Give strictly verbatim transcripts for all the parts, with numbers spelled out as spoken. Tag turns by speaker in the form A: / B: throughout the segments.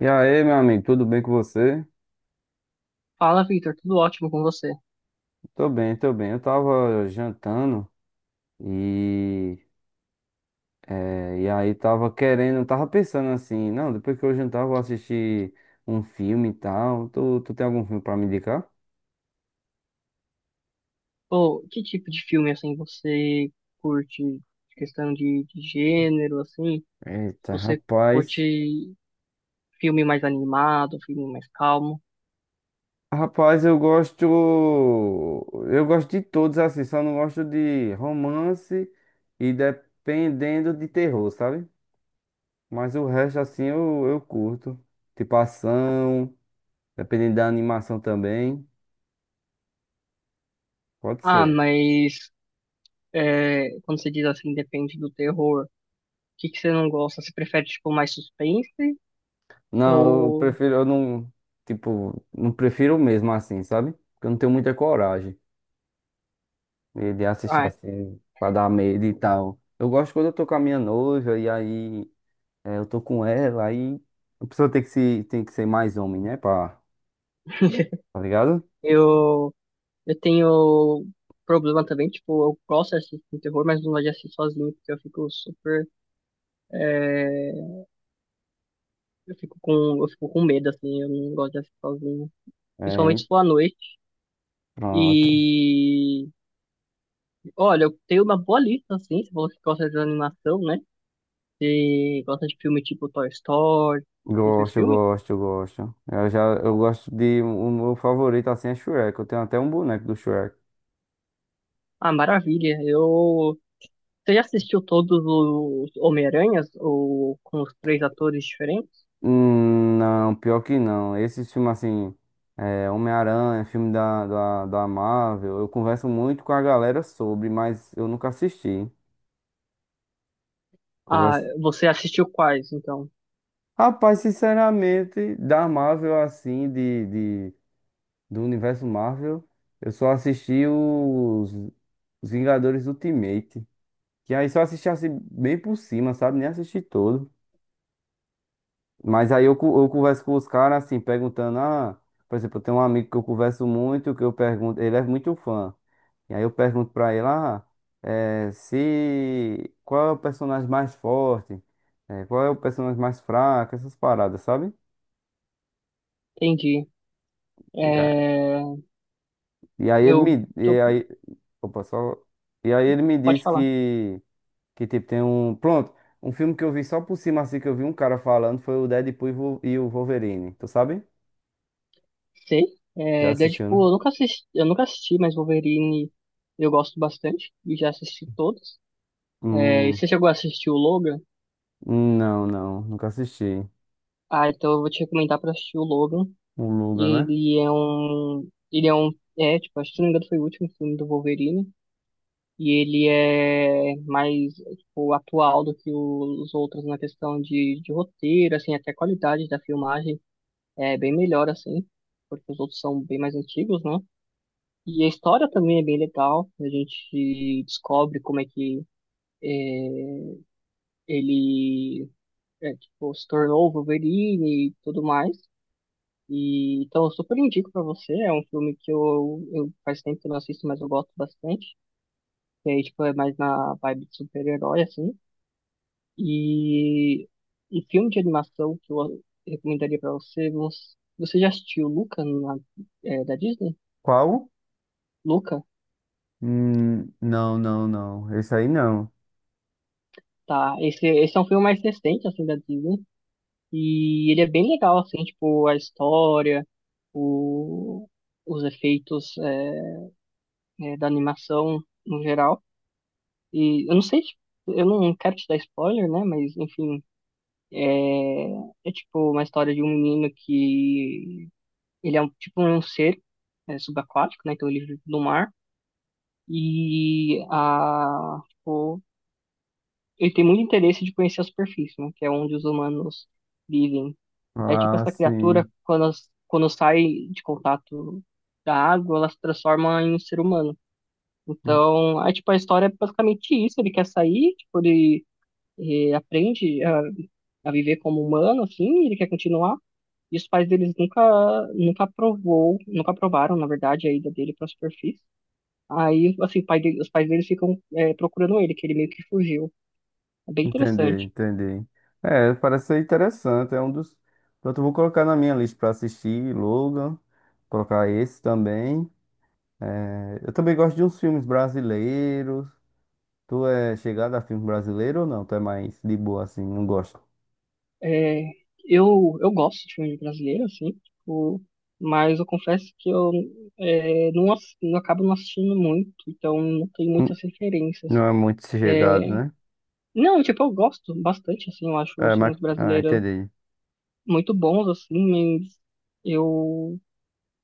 A: E aí, meu amigo, tudo bem com você?
B: Fala, Victor, tudo ótimo com você?
A: Tô bem, tô bem. Eu tava jantando e, eh, e aí tava querendo, tava pensando assim, não, depois que eu jantar eu vou assistir um filme e tal. Tu, tu tem algum filme pra me indicar?
B: Pô, que tipo de filme, assim, você curte? Questão de, de gênero, assim?
A: Eita,
B: Você curte
A: rapaz.
B: filme mais animado, filme mais calmo?
A: Rapaz, eu gosto. Eu gosto de todos, assim, só não gosto de romance e dependendo de terror, sabe? Mas o resto, assim, eu, eu curto. Tipo ação. Dependendo da animação também, pode
B: Ah,
A: ser.
B: mas é, quando você diz assim, depende do terror, o que que você não gosta? Você prefere, tipo, mais suspense?
A: Não, eu
B: Ou...
A: prefiro, eu não, tipo, não prefiro mesmo assim, sabe? Porque eu não tenho muita coragem de de assistir
B: Ah,
A: assim, pra dar medo e tal. Eu gosto quando eu tô com a minha noiva e aí é, eu tô com ela, aí a pessoa tem que se, tem que ser mais homem, né? Pra, tá ligado?
B: eu, eu tenho problema também, tipo, eu gosto de assistir terror, mas não gosto de assistir sozinho, porque eu fico super é, Eu fico com, eu fico com medo, assim, eu não gosto de assistir sozinho.
A: É,
B: Principalmente
A: hein?
B: se for à noite.
A: Pronto.
B: E olha, eu tenho uma boa lista, assim, se você gosta de animação, né? Se gosta de filme tipo Toy Story, esses
A: Gosto, eu
B: filmes.
A: gosto, eu gosto. Eu já, eu gosto de, o meu favorito assim é Shrek. Eu tenho até um boneco do Shrek.
B: Ah, maravilha. Eu. Você já assistiu todos os Homem-Aranhas, ou com os três atores diferentes?
A: Hum, Não, pior que não. Esses filmes assim, é, Homem-Aranha, filme da, da, da Marvel, eu converso muito com a galera sobre, mas eu nunca assisti.
B: Ah,
A: Converso...
B: você assistiu quais, então?
A: Rapaz, sinceramente, da Marvel assim, de, de, do universo Marvel, eu só assisti os, os Vingadores Ultimate. Que aí só assisti assim, bem por cima, sabe? Nem assisti todo. Mas aí eu, co- eu converso com os caras assim, perguntando, ah, por exemplo, eu tenho um amigo que eu converso muito, que eu pergunto, ele é muito fã. E aí eu pergunto pra ele, ah, eh, se qual é o personagem mais forte, Eh, qual é o personagem mais fraco, essas paradas, sabe?
B: Entendi.
A: E a-
B: É...
A: e aí ele
B: Eu.
A: me,
B: tô-
A: e aí, opa, só, e aí ele me
B: Pode
A: disse
B: falar.
A: que, que tipo, tem um, pronto, um filme que eu vi só por cima, assim, que eu vi um cara falando, foi o Deadpool e o Wolverine, tu sabe?
B: Sei.
A: Já
B: É,
A: assistiu,
B: Deadpool,
A: né?
B: eu nunca assisti, eu nunca assisti, mas Wolverine eu gosto bastante e já assisti todos. É, e
A: Hum,
B: você chegou a assistir o Logan?
A: não, não, nunca assisti.
B: Ah, então eu vou te recomendar pra assistir o Logan.
A: O Luga, né?
B: Ele é um, ele é um, é, tipo, acho que se não me engano foi o último filme do Wolverine. E ele é mais, tipo, atual do que o- os outros na questão de, de roteiro, assim, até a qualidade da filmagem é bem melhor, assim, porque os outros são bem mais antigos, né? E a história também é bem legal. A gente descobre como é que é, ele é, tipo, se tornou o Wolverine e tudo mais. E então eu super indico pra você. É um filme que eu, eu faz tempo que eu não assisto, mas eu gosto bastante. E aí, tipo, é mais na vibe de super-herói, assim. E um filme de animação que eu recomendaria pra você. Você você já assistiu Luca na- é, da Disney?
A: Qual?
B: Luca?
A: Hum, não, não, não. Esse aí não.
B: Tá. Esse, esse é um filme mais recente, assim, da Disney. E ele é bem legal, assim, tipo, a história, o, os efeitos é, é, da animação no geral. E eu não sei, tipo, eu não quero te dar spoiler, né? Mas, enfim, é, é tipo uma história de um menino que ele é um, tipo um ser é, subaquático, né? Então ele vive no mar. E a, tipo, ele tem muito interesse de conhecer a superfície, né? Que é onde os humanos vivem. Aí, tipo,
A: Ah,
B: essa criatura,
A: sim.
B: quando, as- quando sai de contato da água, ela se transforma em um ser humano.
A: En-
B: Então, aí, tipo, a história é basicamente isso. Ele quer sair, tipo, ele, eh, aprende a, a viver como humano, assim, ele quer continuar. E os pais deles nunca, nunca aprovou, nunca aprovaram, na verdade, a ida dele para a superfície. Aí, assim, o pai dele- os pais deles ficam, eh, procurando ele, que ele meio que fugiu. É bem
A: Entendi,
B: interessante.
A: entendi. É, parece ser interessante. É um dos. Pronto, eu vou colocar na minha lista para assistir, Logan. Colocar esse também. É, eu também gosto de uns filmes brasileiros. Tu é chegado a filme brasileiro ou não? Tu é mais de boa assim, não gosta?
B: É, eu, eu gosto de filme brasileiro, assim, tipo, mas eu confesso que eu é, não, ass- não acabo não assistindo muito, então não tenho
A: Hum,
B: muitas referências.
A: Não é muito chegado,
B: É,
A: né?
B: não, tipo, eu gosto bastante, assim, eu acho
A: É,
B: os
A: mas.
B: filmes
A: Ah,
B: brasileiros
A: entendi.
B: muito bons, assim, mas eu,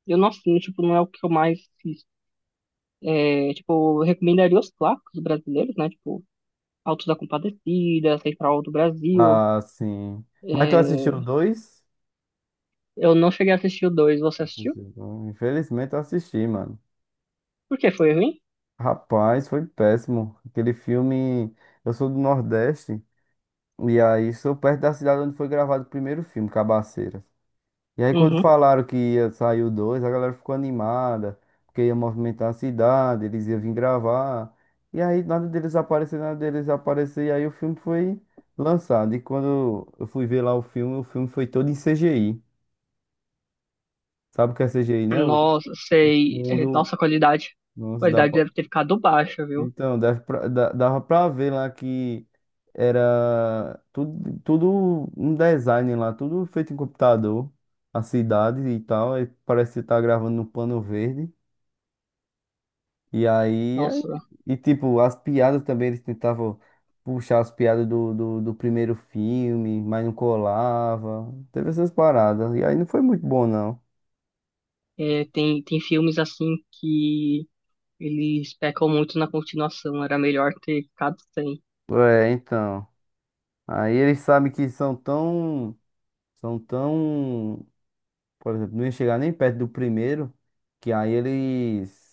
B: eu não assino, tipo, não é o que eu mais assisto. É, tipo, eu recomendaria os clássicos brasileiros, né, tipo, Autos da Compadecida, Central do Brasil.
A: Ah, sim. Mas tu assistiu
B: É,
A: dois?
B: eu não cheguei a assistir o dois, você assistiu?
A: Assisti o dois. Infelizmente eu assisti, mano.
B: Por que foi ruim?
A: Rapaz, foi péssimo. Aquele filme. Eu sou do Nordeste. E aí sou perto da cidade onde foi gravado o primeiro filme, Cabaceira. E aí quando
B: Uhum.
A: falaram que ia sair o dois, a galera ficou animada. Porque ia movimentar a cidade, eles iam vir gravar. E aí nada deles aparecer, nada deles aparecer. E aí o filme foi lançado. E quando eu fui ver lá o filme, o filme foi todo em C G I. Sabe o que é C G I, né? O
B: Nossa, sei. É,
A: fundo,
B: nossa, a qualidade, a
A: nossa, dá
B: qualidade
A: pra-
B: deve ter ficado baixa, viu?
A: então, deve pra- dá- dava pra ver lá que era tudo, tudo um design lá, tudo feito em computador, a cidade e tal, aí parece que tá gravando no pano verde. E aí, é-
B: Nossa,
A: e tipo, as piadas também, eles tentavam puxar as piadas do, do, do primeiro filme, mas não colava, teve essas paradas, e aí não foi muito bom não.
B: é, tem, tem filmes assim que eles pecam muito na continuação. Era melhor ter ficado sem.
A: É, então, aí eles sabem que são tão... São tão Por exemplo, não ia chegar nem perto do primeiro, que aí eles.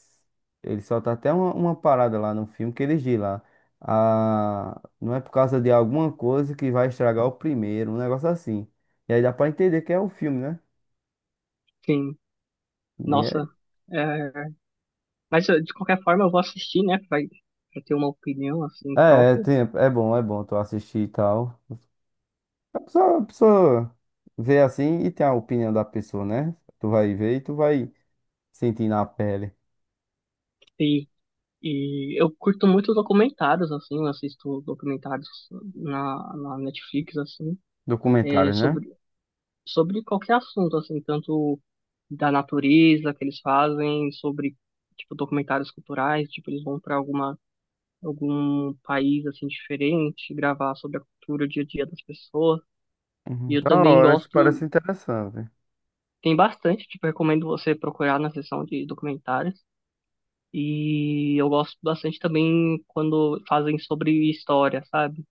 A: Eles soltam até uma, uma parada lá no filme que eles dizem lá. Ah, não é por causa de alguma coisa que vai estragar o primeiro, um negócio assim. E aí dá pra entender que é o filme, né?
B: Sim,
A: E é,
B: nossa. É, mas eu, de qualquer forma eu vou assistir, né? Pra, pra ter uma opinião assim
A: é, é,
B: própria.
A: tem- é bom, é bom tu assistir e tal. A pessoa, a pessoa vê assim e tem a opinião da pessoa, né? Tu vai ver e tu vai sentir na pele.
B: E, e eu curto muito documentários, assim, eu assisto documentários na, na Netflix, assim, é,
A: Documentário, né?
B: sobre, sobre qualquer assunto, assim, tanto. Da natureza que eles fazem, sobre tipo documentários culturais, tipo eles vão para alguma algum país assim diferente, gravar sobre a cultura, o dia a dia das pessoas. E
A: Uhum.
B: eu
A: Da
B: também
A: hora, isso parece
B: gosto,
A: interessante.
B: tem bastante, tipo, recomendo você procurar na seção de documentários. E eu gosto bastante também quando fazem sobre história, sabe?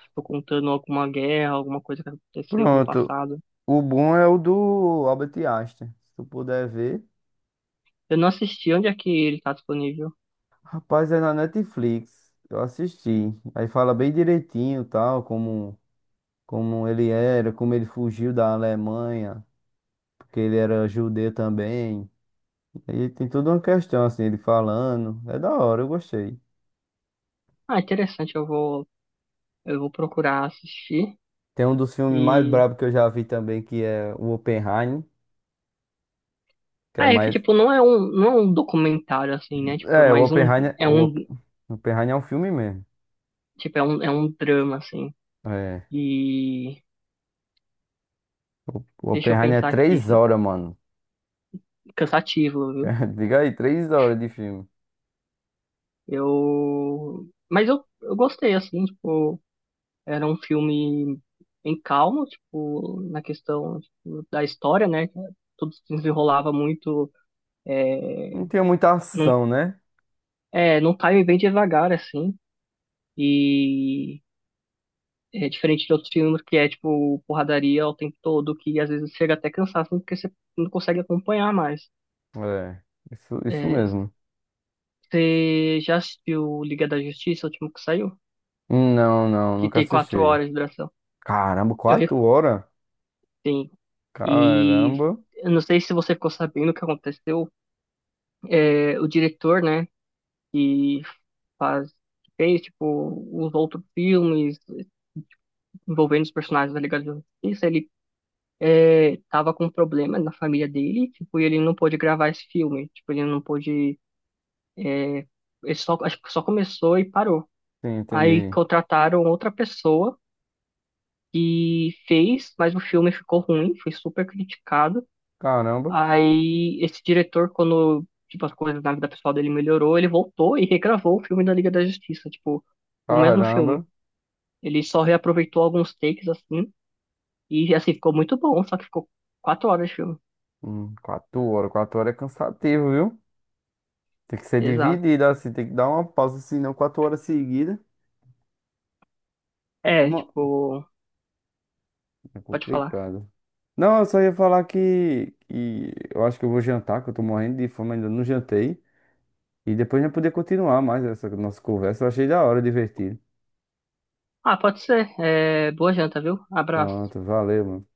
B: Tipo, contando alguma guerra, alguma coisa que aconteceu no
A: Pronto.
B: passado.
A: O bom é o do Albert Einstein. Se tu puder ver.
B: Eu não assisti, onde é que ele tá disponível?
A: Rapaz, é na Netflix. Eu assisti. Aí fala bem direitinho, tal, como, como ele era, como ele fugiu da Alemanha, porque ele era judeu também. E tem toda uma questão, assim, ele falando. É da hora, eu gostei.
B: Ah, interessante, eu vou, eu vou procurar assistir.
A: Tem um dos filmes mais
B: E
A: brabos que eu já vi também, que é o Oppenheimer, que é
B: ah, é que,
A: mais...
B: tipo, não é um, não é um documentário, assim, né? Tipo, é
A: É, o
B: mais um,
A: Oppenheimer...
B: é
A: O
B: um,
A: Op- Oppenheimer é um filme mesmo.
B: tipo, é um, é um drama, assim.
A: É.
B: E
A: O
B: deixa eu
A: Oppenheimer é
B: pensar aqui,
A: três
B: isso é
A: horas, mano.
B: cansativo, viu?
A: Diga aí, três horas de filme.
B: Eu, mas eu, eu gostei, assim, tipo, era um filme em calmo, tipo, na questão, tipo, da história, né? Tudo se desenrolava muito, é,
A: Não tinha muita
B: num,
A: ação, né?
B: é, num time bem devagar, assim. E é diferente de outros filmes que é, tipo, porradaria o tempo todo, que às vezes chega até cansaço, porque você não consegue acompanhar mais.
A: É, isso, isso
B: É,
A: mesmo.
B: você já assistiu Liga da Justiça, o último que saiu?
A: Não, não,
B: Que
A: nunca
B: tem quatro
A: assisti.
B: horas de duração.
A: Caramba,
B: Eu
A: quatro horas?
B: recomendo. E
A: Caramba.
B: eu não sei se você ficou sabendo o que aconteceu. É, o diretor, né, que faz, que fez, tipo, os outros filmes envolvendo os personagens da Liga da Justiça, ele é, tava com um problema na família dele, tipo, e ele não pôde gravar esse filme, tipo, ele não pôde, é, ele só, acho que só começou e parou.
A: Sim,
B: Aí
A: entendi.
B: contrataram outra pessoa e fez, mas o filme ficou ruim, foi super criticado.
A: Caramba,
B: Aí esse diretor, quando, tipo, as coisas na vida pessoal dele melhorou, ele voltou e regravou o filme da Liga da Justiça, tipo, o mesmo filme.
A: caramba.
B: Ele só reaproveitou alguns takes, assim, e, assim, ficou muito bom, só que ficou quatro horas de filme.
A: Hum, quatro horas, quatro horas é cansativo, viu? Tem que ser
B: Exato.
A: dividido assim, tem que dar uma pausa, senão quatro horas seguidas.
B: É,
A: Mo-
B: tipo,
A: É
B: Pode falar.
A: complicado. Não, eu só ia falar que, que eu acho que eu vou jantar, que eu tô morrendo de fome, ainda não jantei. E depois a gente poder continuar mais essa nossa conversa. Eu achei da hora, divertido.
B: Ah, pode ser. É, boa janta, viu? Abraço.
A: Pronto, valeu, mano.